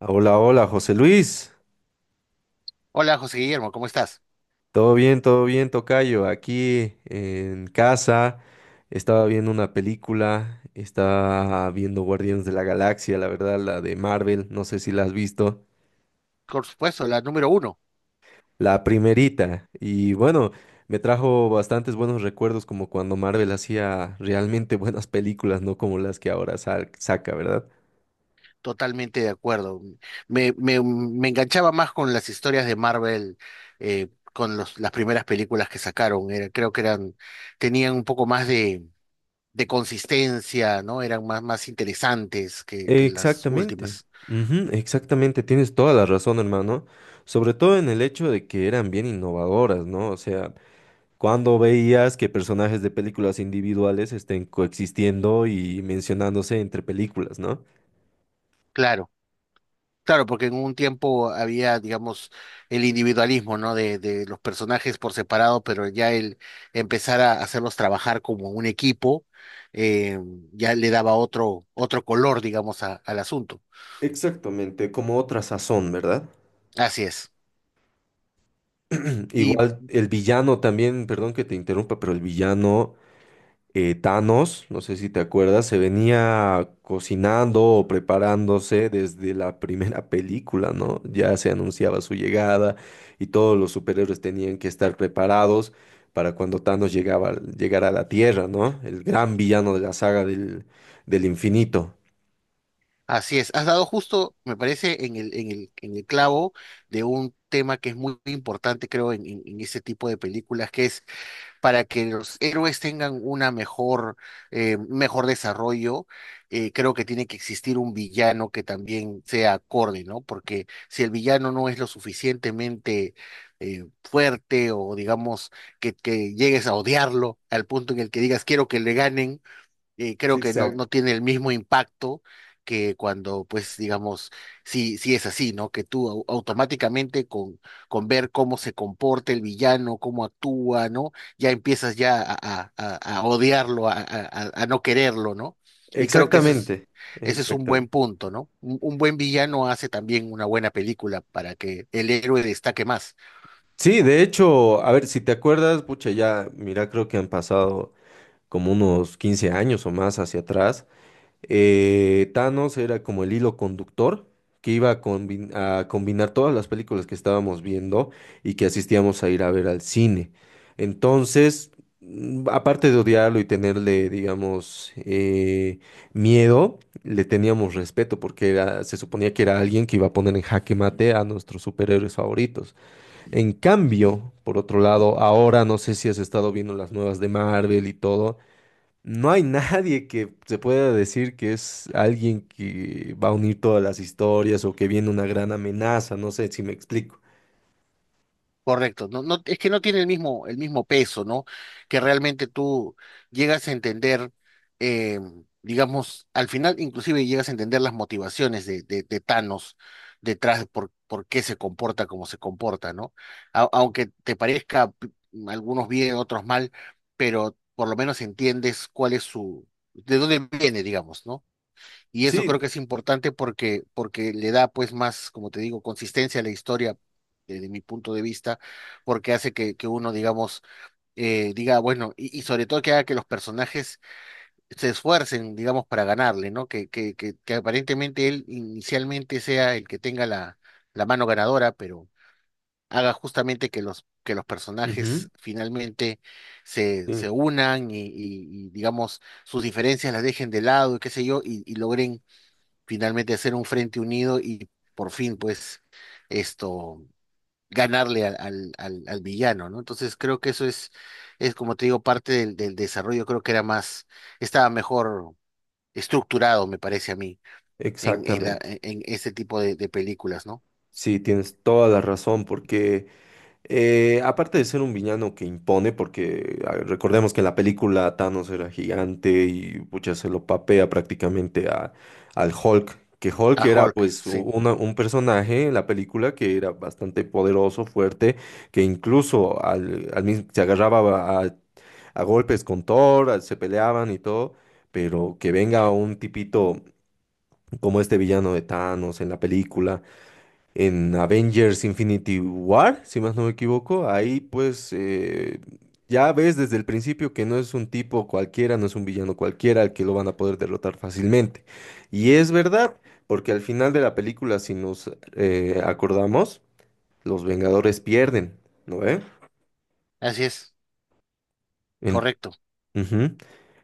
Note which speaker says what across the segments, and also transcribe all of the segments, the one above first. Speaker 1: Hola, hola, José Luis.
Speaker 2: Hola José Guillermo, ¿cómo estás?
Speaker 1: Todo bien, tocayo. Aquí en casa estaba viendo una película, estaba viendo Guardianes de la Galaxia, la verdad, la de Marvel, no sé si la has visto,
Speaker 2: Por supuesto, la número uno,
Speaker 1: la primerita. Y bueno, me trajo bastantes buenos recuerdos como cuando Marvel hacía realmente buenas películas, no como las que ahora saca, ¿verdad?
Speaker 2: totalmente de acuerdo. Me enganchaba más con las historias de Marvel, eh, con las primeras películas que sacaron. Creo que eran, tenían un poco más de consistencia, ¿no? Eran más interesantes que las
Speaker 1: Exactamente,
Speaker 2: últimas.
Speaker 1: ujú, exactamente, tienes toda la razón, hermano, sobre todo en el hecho de que eran bien innovadoras, ¿no? O sea, cuando veías que personajes de películas individuales estén coexistiendo y mencionándose entre películas, ¿no?
Speaker 2: Claro. Claro, porque en un tiempo había, digamos, el individualismo, ¿no? De los personajes por separado, pero ya el empezar a hacerlos trabajar como un equipo, eh, ya le daba otro color, digamos, al asunto.
Speaker 1: Exactamente, como otra sazón, ¿verdad?
Speaker 2: Así es. Y
Speaker 1: Igual el villano también, perdón que te interrumpa, pero el villano Thanos, no sé si te acuerdas, se venía cocinando o preparándose desde la primera película, ¿no? Ya se anunciaba su llegada y todos los superhéroes tenían que estar preparados para cuando llegara a la Tierra, ¿no? El gran villano de la saga del infinito.
Speaker 2: así es. Has dado justo, me parece, en en el clavo de un tema que es muy importante, creo, en ese tipo de películas, que es para que los héroes tengan una mejor, mejor desarrollo, creo que tiene que existir un villano que también sea acorde, ¿no? Porque si el villano no es lo suficientemente fuerte o digamos que llegues a odiarlo al punto en el que digas quiero que le ganen, creo que no,
Speaker 1: Exacto.
Speaker 2: no tiene el mismo impacto que cuando, pues, digamos, si es así, ¿no? Que tú automáticamente con ver cómo se comporta el villano, cómo actúa, ¿no? Ya empiezas ya a, a odiarlo, a no quererlo, ¿no? Y creo que eso es,
Speaker 1: Exactamente,
Speaker 2: ese es un buen
Speaker 1: exactamente.
Speaker 2: punto, ¿no? Un buen villano hace también una buena película para que el héroe destaque más.
Speaker 1: Sí, de hecho, a ver, si te acuerdas, pucha, ya, mira, creo que han pasado como unos 15 años o más hacia atrás. Thanos era como el hilo conductor que iba a combinar todas las películas que estábamos viendo y que asistíamos a ir a ver al cine. Entonces, aparte de odiarlo y tenerle, digamos, miedo, le teníamos respeto porque se suponía que era alguien que iba a poner en jaque mate a nuestros superhéroes favoritos. En cambio, por otro lado, ahora no sé si has estado viendo las nuevas de Marvel y todo. No hay nadie que se pueda decir que es alguien que va a unir todas las historias o que viene una gran amenaza, no sé si me explico.
Speaker 2: Correcto, no, no, es que no tiene el mismo peso, ¿no? Que realmente tú llegas a entender, eh, digamos, al final inclusive llegas a entender las motivaciones de Thanos detrás de por qué se comporta como se comporta, ¿no? Aunque te parezca algunos bien, otros mal, pero por lo menos entiendes cuál es su, de dónde viene, digamos, ¿no? Y eso creo
Speaker 1: Sí,
Speaker 2: que es importante porque le da pues más, como te digo, consistencia a la historia desde mi punto de vista, porque hace que uno, digamos, diga, bueno, y sobre todo que haga que los personajes se esfuercen, digamos, para ganarle, ¿no? Que aparentemente él inicialmente sea el que tenga la, la mano ganadora, pero haga justamente que que los
Speaker 1: ujú,
Speaker 2: personajes finalmente
Speaker 1: sí,
Speaker 2: se unan y, digamos, sus diferencias las dejen de lado y qué sé yo, y logren finalmente hacer un frente unido y por fin, pues, esto, ganarle al villano, ¿no? Entonces creo que eso es como te digo, parte del, del desarrollo, creo que era más, estaba mejor estructurado, me parece a mí, en, la,
Speaker 1: exactamente.
Speaker 2: en este tipo de películas, ¿no?
Speaker 1: Sí, tienes toda la razón, porque eh, aparte de ser un villano que impone, porque a ver, recordemos que en la película Thanos era gigante y pucha, se lo papea prácticamente a, al Hulk, que Hulk
Speaker 2: A
Speaker 1: era
Speaker 2: Hulk,
Speaker 1: pues
Speaker 2: sí,
Speaker 1: un personaje en la película que era bastante poderoso, fuerte, que incluso al mismo, se agarraba a golpes con Thor, se peleaban y todo, pero que venga un tipito como este villano de Thanos en la película en Avengers Infinity War, si más no me equivoco. Ahí pues ya ves desde el principio que no es un tipo cualquiera, no es un villano cualquiera al que lo van a poder derrotar fácilmente. Y es verdad, porque al final de la película, si nos acordamos, los Vengadores pierden, ¿no ve?
Speaker 2: así es,
Speaker 1: En-
Speaker 2: correcto.
Speaker 1: ujú.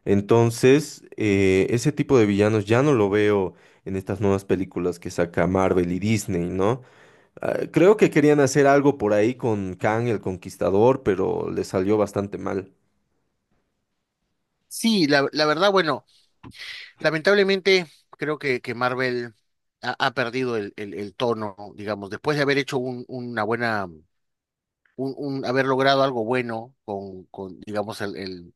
Speaker 1: Entonces, ese tipo de villanos ya no lo veo en estas nuevas películas que saca Marvel y Disney, ¿no? Ah, creo que querían hacer algo por ahí con Kang el Conquistador, pero le salió bastante mal.
Speaker 2: Sí, la verdad, bueno, lamentablemente creo que Marvel ha perdido el tono, digamos, después de haber hecho un, una buena un- haber logrado algo bueno con digamos, el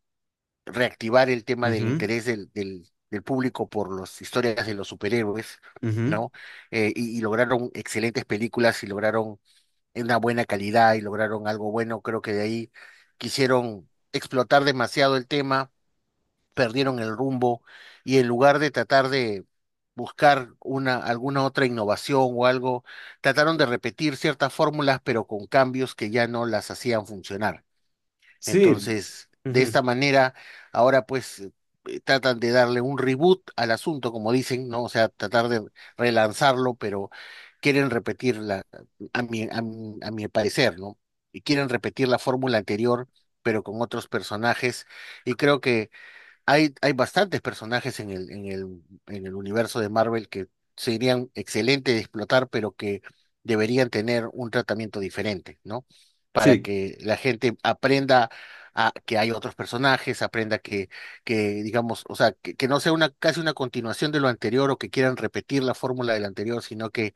Speaker 2: reactivar el tema del interés del público por las historias de los superhéroes,
Speaker 1: Ujú, ujú.
Speaker 2: ¿no? Y lograron excelentes películas y lograron una buena calidad y lograron algo bueno. Creo que de ahí quisieron explotar demasiado el tema perdieron el rumbo y en lugar de tratar de buscar una, alguna otra innovación o algo, trataron de repetir ciertas fórmulas, pero con cambios que ya no las hacían funcionar.
Speaker 1: Sí,
Speaker 2: Entonces, de
Speaker 1: ujú,
Speaker 2: esta manera, ahora pues tratan de darle un reboot al asunto, como dicen, ¿no? O sea, tratar de relanzarlo, pero quieren repetir la, a mi parecer, ¿no? Y quieren repetir la fórmula anterior, pero con otros personajes. Y creo que hay bastantes personajes en en el universo de Marvel que serían excelentes de explotar, pero que deberían tener un tratamiento diferente, ¿no? Para
Speaker 1: sí,
Speaker 2: que la gente aprenda a que hay otros personajes, aprenda que digamos, o sea, que no sea una, casi una continuación de lo anterior o que quieran repetir la fórmula del anterior, sino que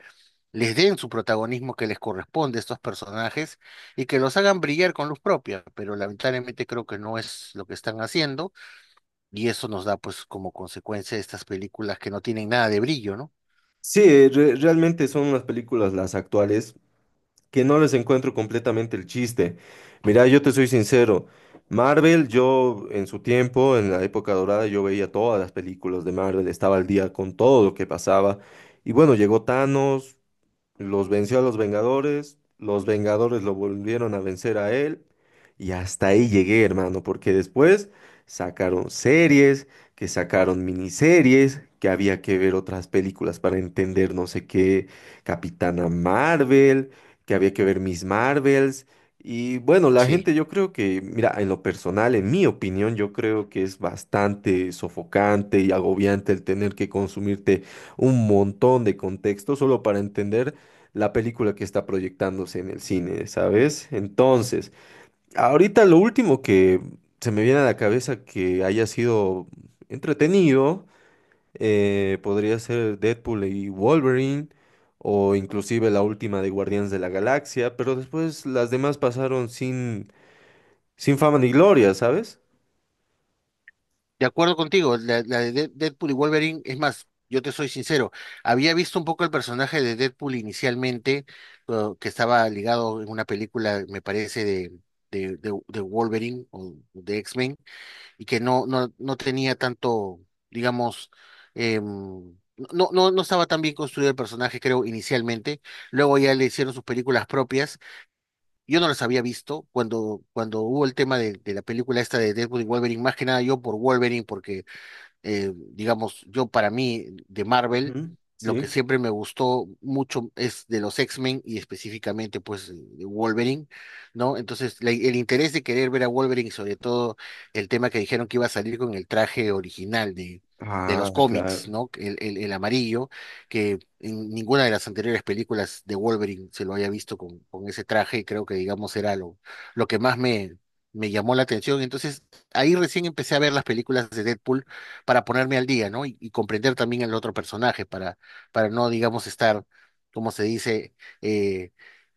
Speaker 2: les den su protagonismo que les corresponde a estos personajes y que los hagan brillar con luz propia, pero lamentablemente creo que no es lo que están haciendo y eso nos da, pues, como consecuencia estas películas que no tienen nada de brillo, ¿no?
Speaker 1: sí, realmente son unas películas las actuales que no les encuentro completamente el chiste. Mira, yo te soy sincero, Marvel, yo en su tiempo, en la época dorada, yo veía todas las películas de Marvel, estaba al día con todo lo que pasaba. Y bueno, llegó Thanos, los venció a los Vengadores lo volvieron a vencer a él y hasta ahí llegué, hermano, porque después sacaron series, que sacaron miniseries, que había que ver otras películas para entender no sé qué, Capitana Marvel, que había que ver Miss Marvels y bueno, la
Speaker 2: Sí.
Speaker 1: gente yo creo que, mira, en lo personal, en mi opinión, yo creo que es bastante sofocante y agobiante el tener que consumirte un montón de contexto solo para entender la película que está proyectándose en el cine, ¿sabes? Entonces, ahorita lo último que se me viene a la cabeza que haya sido entretenido, podría ser Deadpool y Wolverine, o inclusive la última de Guardianes de la Galaxia, pero después las demás pasaron sin, sin fama ni gloria, ¿sabes?
Speaker 2: De acuerdo contigo, la de Deadpool y Wolverine, es más, yo te soy sincero, había visto un poco el personaje de Deadpool inicialmente, que estaba ligado en una película, me parece, de Wolverine o de X-Men, y que no tenía tanto, digamos, em, no estaba tan bien construido el personaje, creo, inicialmente. Luego ya le hicieron sus películas propias. Yo no los había visto cuando hubo el tema de la película esta de Deadpool y Wolverine, más que nada yo por Wolverine, porque digamos, yo para mí de Marvel,
Speaker 1: Ujú.
Speaker 2: lo que
Speaker 1: Sí.
Speaker 2: siempre me gustó mucho es de los X-Men y específicamente pues de Wolverine, ¿no? Entonces el interés de querer ver a Wolverine y sobre todo el tema que dijeron que iba a salir con el traje original de
Speaker 1: Ah,
Speaker 2: los cómics,
Speaker 1: claro.
Speaker 2: ¿no? El amarillo, que en ninguna de las anteriores películas de Wolverine se lo haya visto con ese traje y creo que digamos era lo que más me... me llamó la atención, entonces ahí recién empecé a ver las películas de Deadpool para ponerme al día, ¿no? Y comprender también el otro personaje, para no, digamos, estar, como se dice, eh,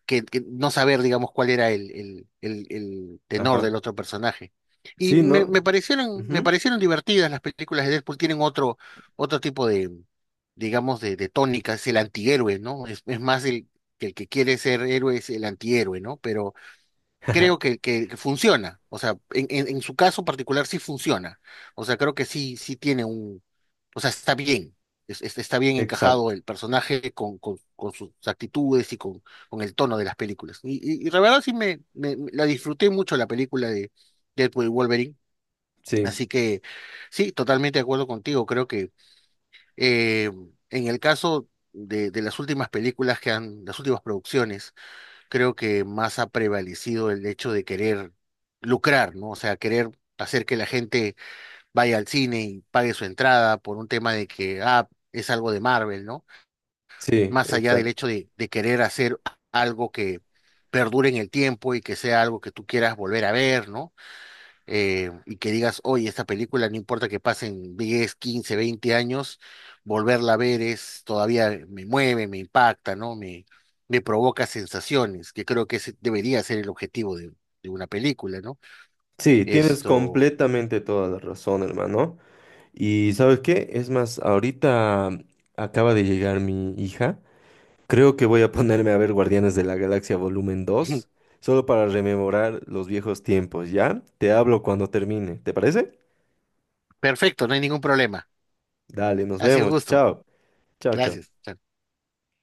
Speaker 2: que no saber, digamos, cuál era el tenor
Speaker 1: Ajá.
Speaker 2: del otro personaje. Y
Speaker 1: Sí, ¿no?
Speaker 2: me
Speaker 1: Ujú.
Speaker 2: parecieron divertidas las películas de Deadpool, tienen otro, otro tipo de, digamos, de tónica, es el antihéroe, ¿no? Es más el que quiere ser héroe es el antihéroe, ¿no? Pero creo que funciona. O sea, en su caso particular sí funciona. O sea, creo que sí, sí tiene un, o sea, está bien. Está bien encajado
Speaker 1: Exacto.
Speaker 2: el personaje con sus actitudes y con el tono de las películas. Y la verdad sí la disfruté mucho la película de Deadpool y Wolverine.
Speaker 1: Sí,
Speaker 2: Así que sí, totalmente de acuerdo contigo. Creo que eh, en el caso de las últimas películas que han, las últimas producciones, creo que más ha prevalecido el hecho de querer lucrar, ¿no? O sea, querer hacer que la gente vaya al cine y pague su entrada por un tema de que, ah, es algo de Marvel, ¿no?
Speaker 1: sí,
Speaker 2: Más allá del
Speaker 1: exacto.
Speaker 2: hecho de querer hacer algo que perdure en el tiempo y que sea algo que tú quieras volver a ver, ¿no? Y que digas, oye, esta película, no importa que pasen 10 15 20 años, volverla a ver es todavía me mueve, me impacta, ¿no? Me provoca sensaciones, que creo que ese debería ser el objetivo de una película, ¿no?
Speaker 1: Sí, tienes
Speaker 2: Esto,
Speaker 1: completamente toda la razón, hermano. Y ¿sabes qué? Es más, ahorita acaba de llegar mi hija. Creo que voy a ponerme a ver Guardianes de la Galaxia Volumen 2, solo para rememorar los viejos tiempos, ¿ya? Te hablo cuando termine, ¿te parece?
Speaker 2: perfecto, no hay ningún problema.
Speaker 1: Dale, nos
Speaker 2: Ha sido
Speaker 1: vemos.
Speaker 2: un gusto.
Speaker 1: Chao. Chao, chao.
Speaker 2: Gracias. Chao.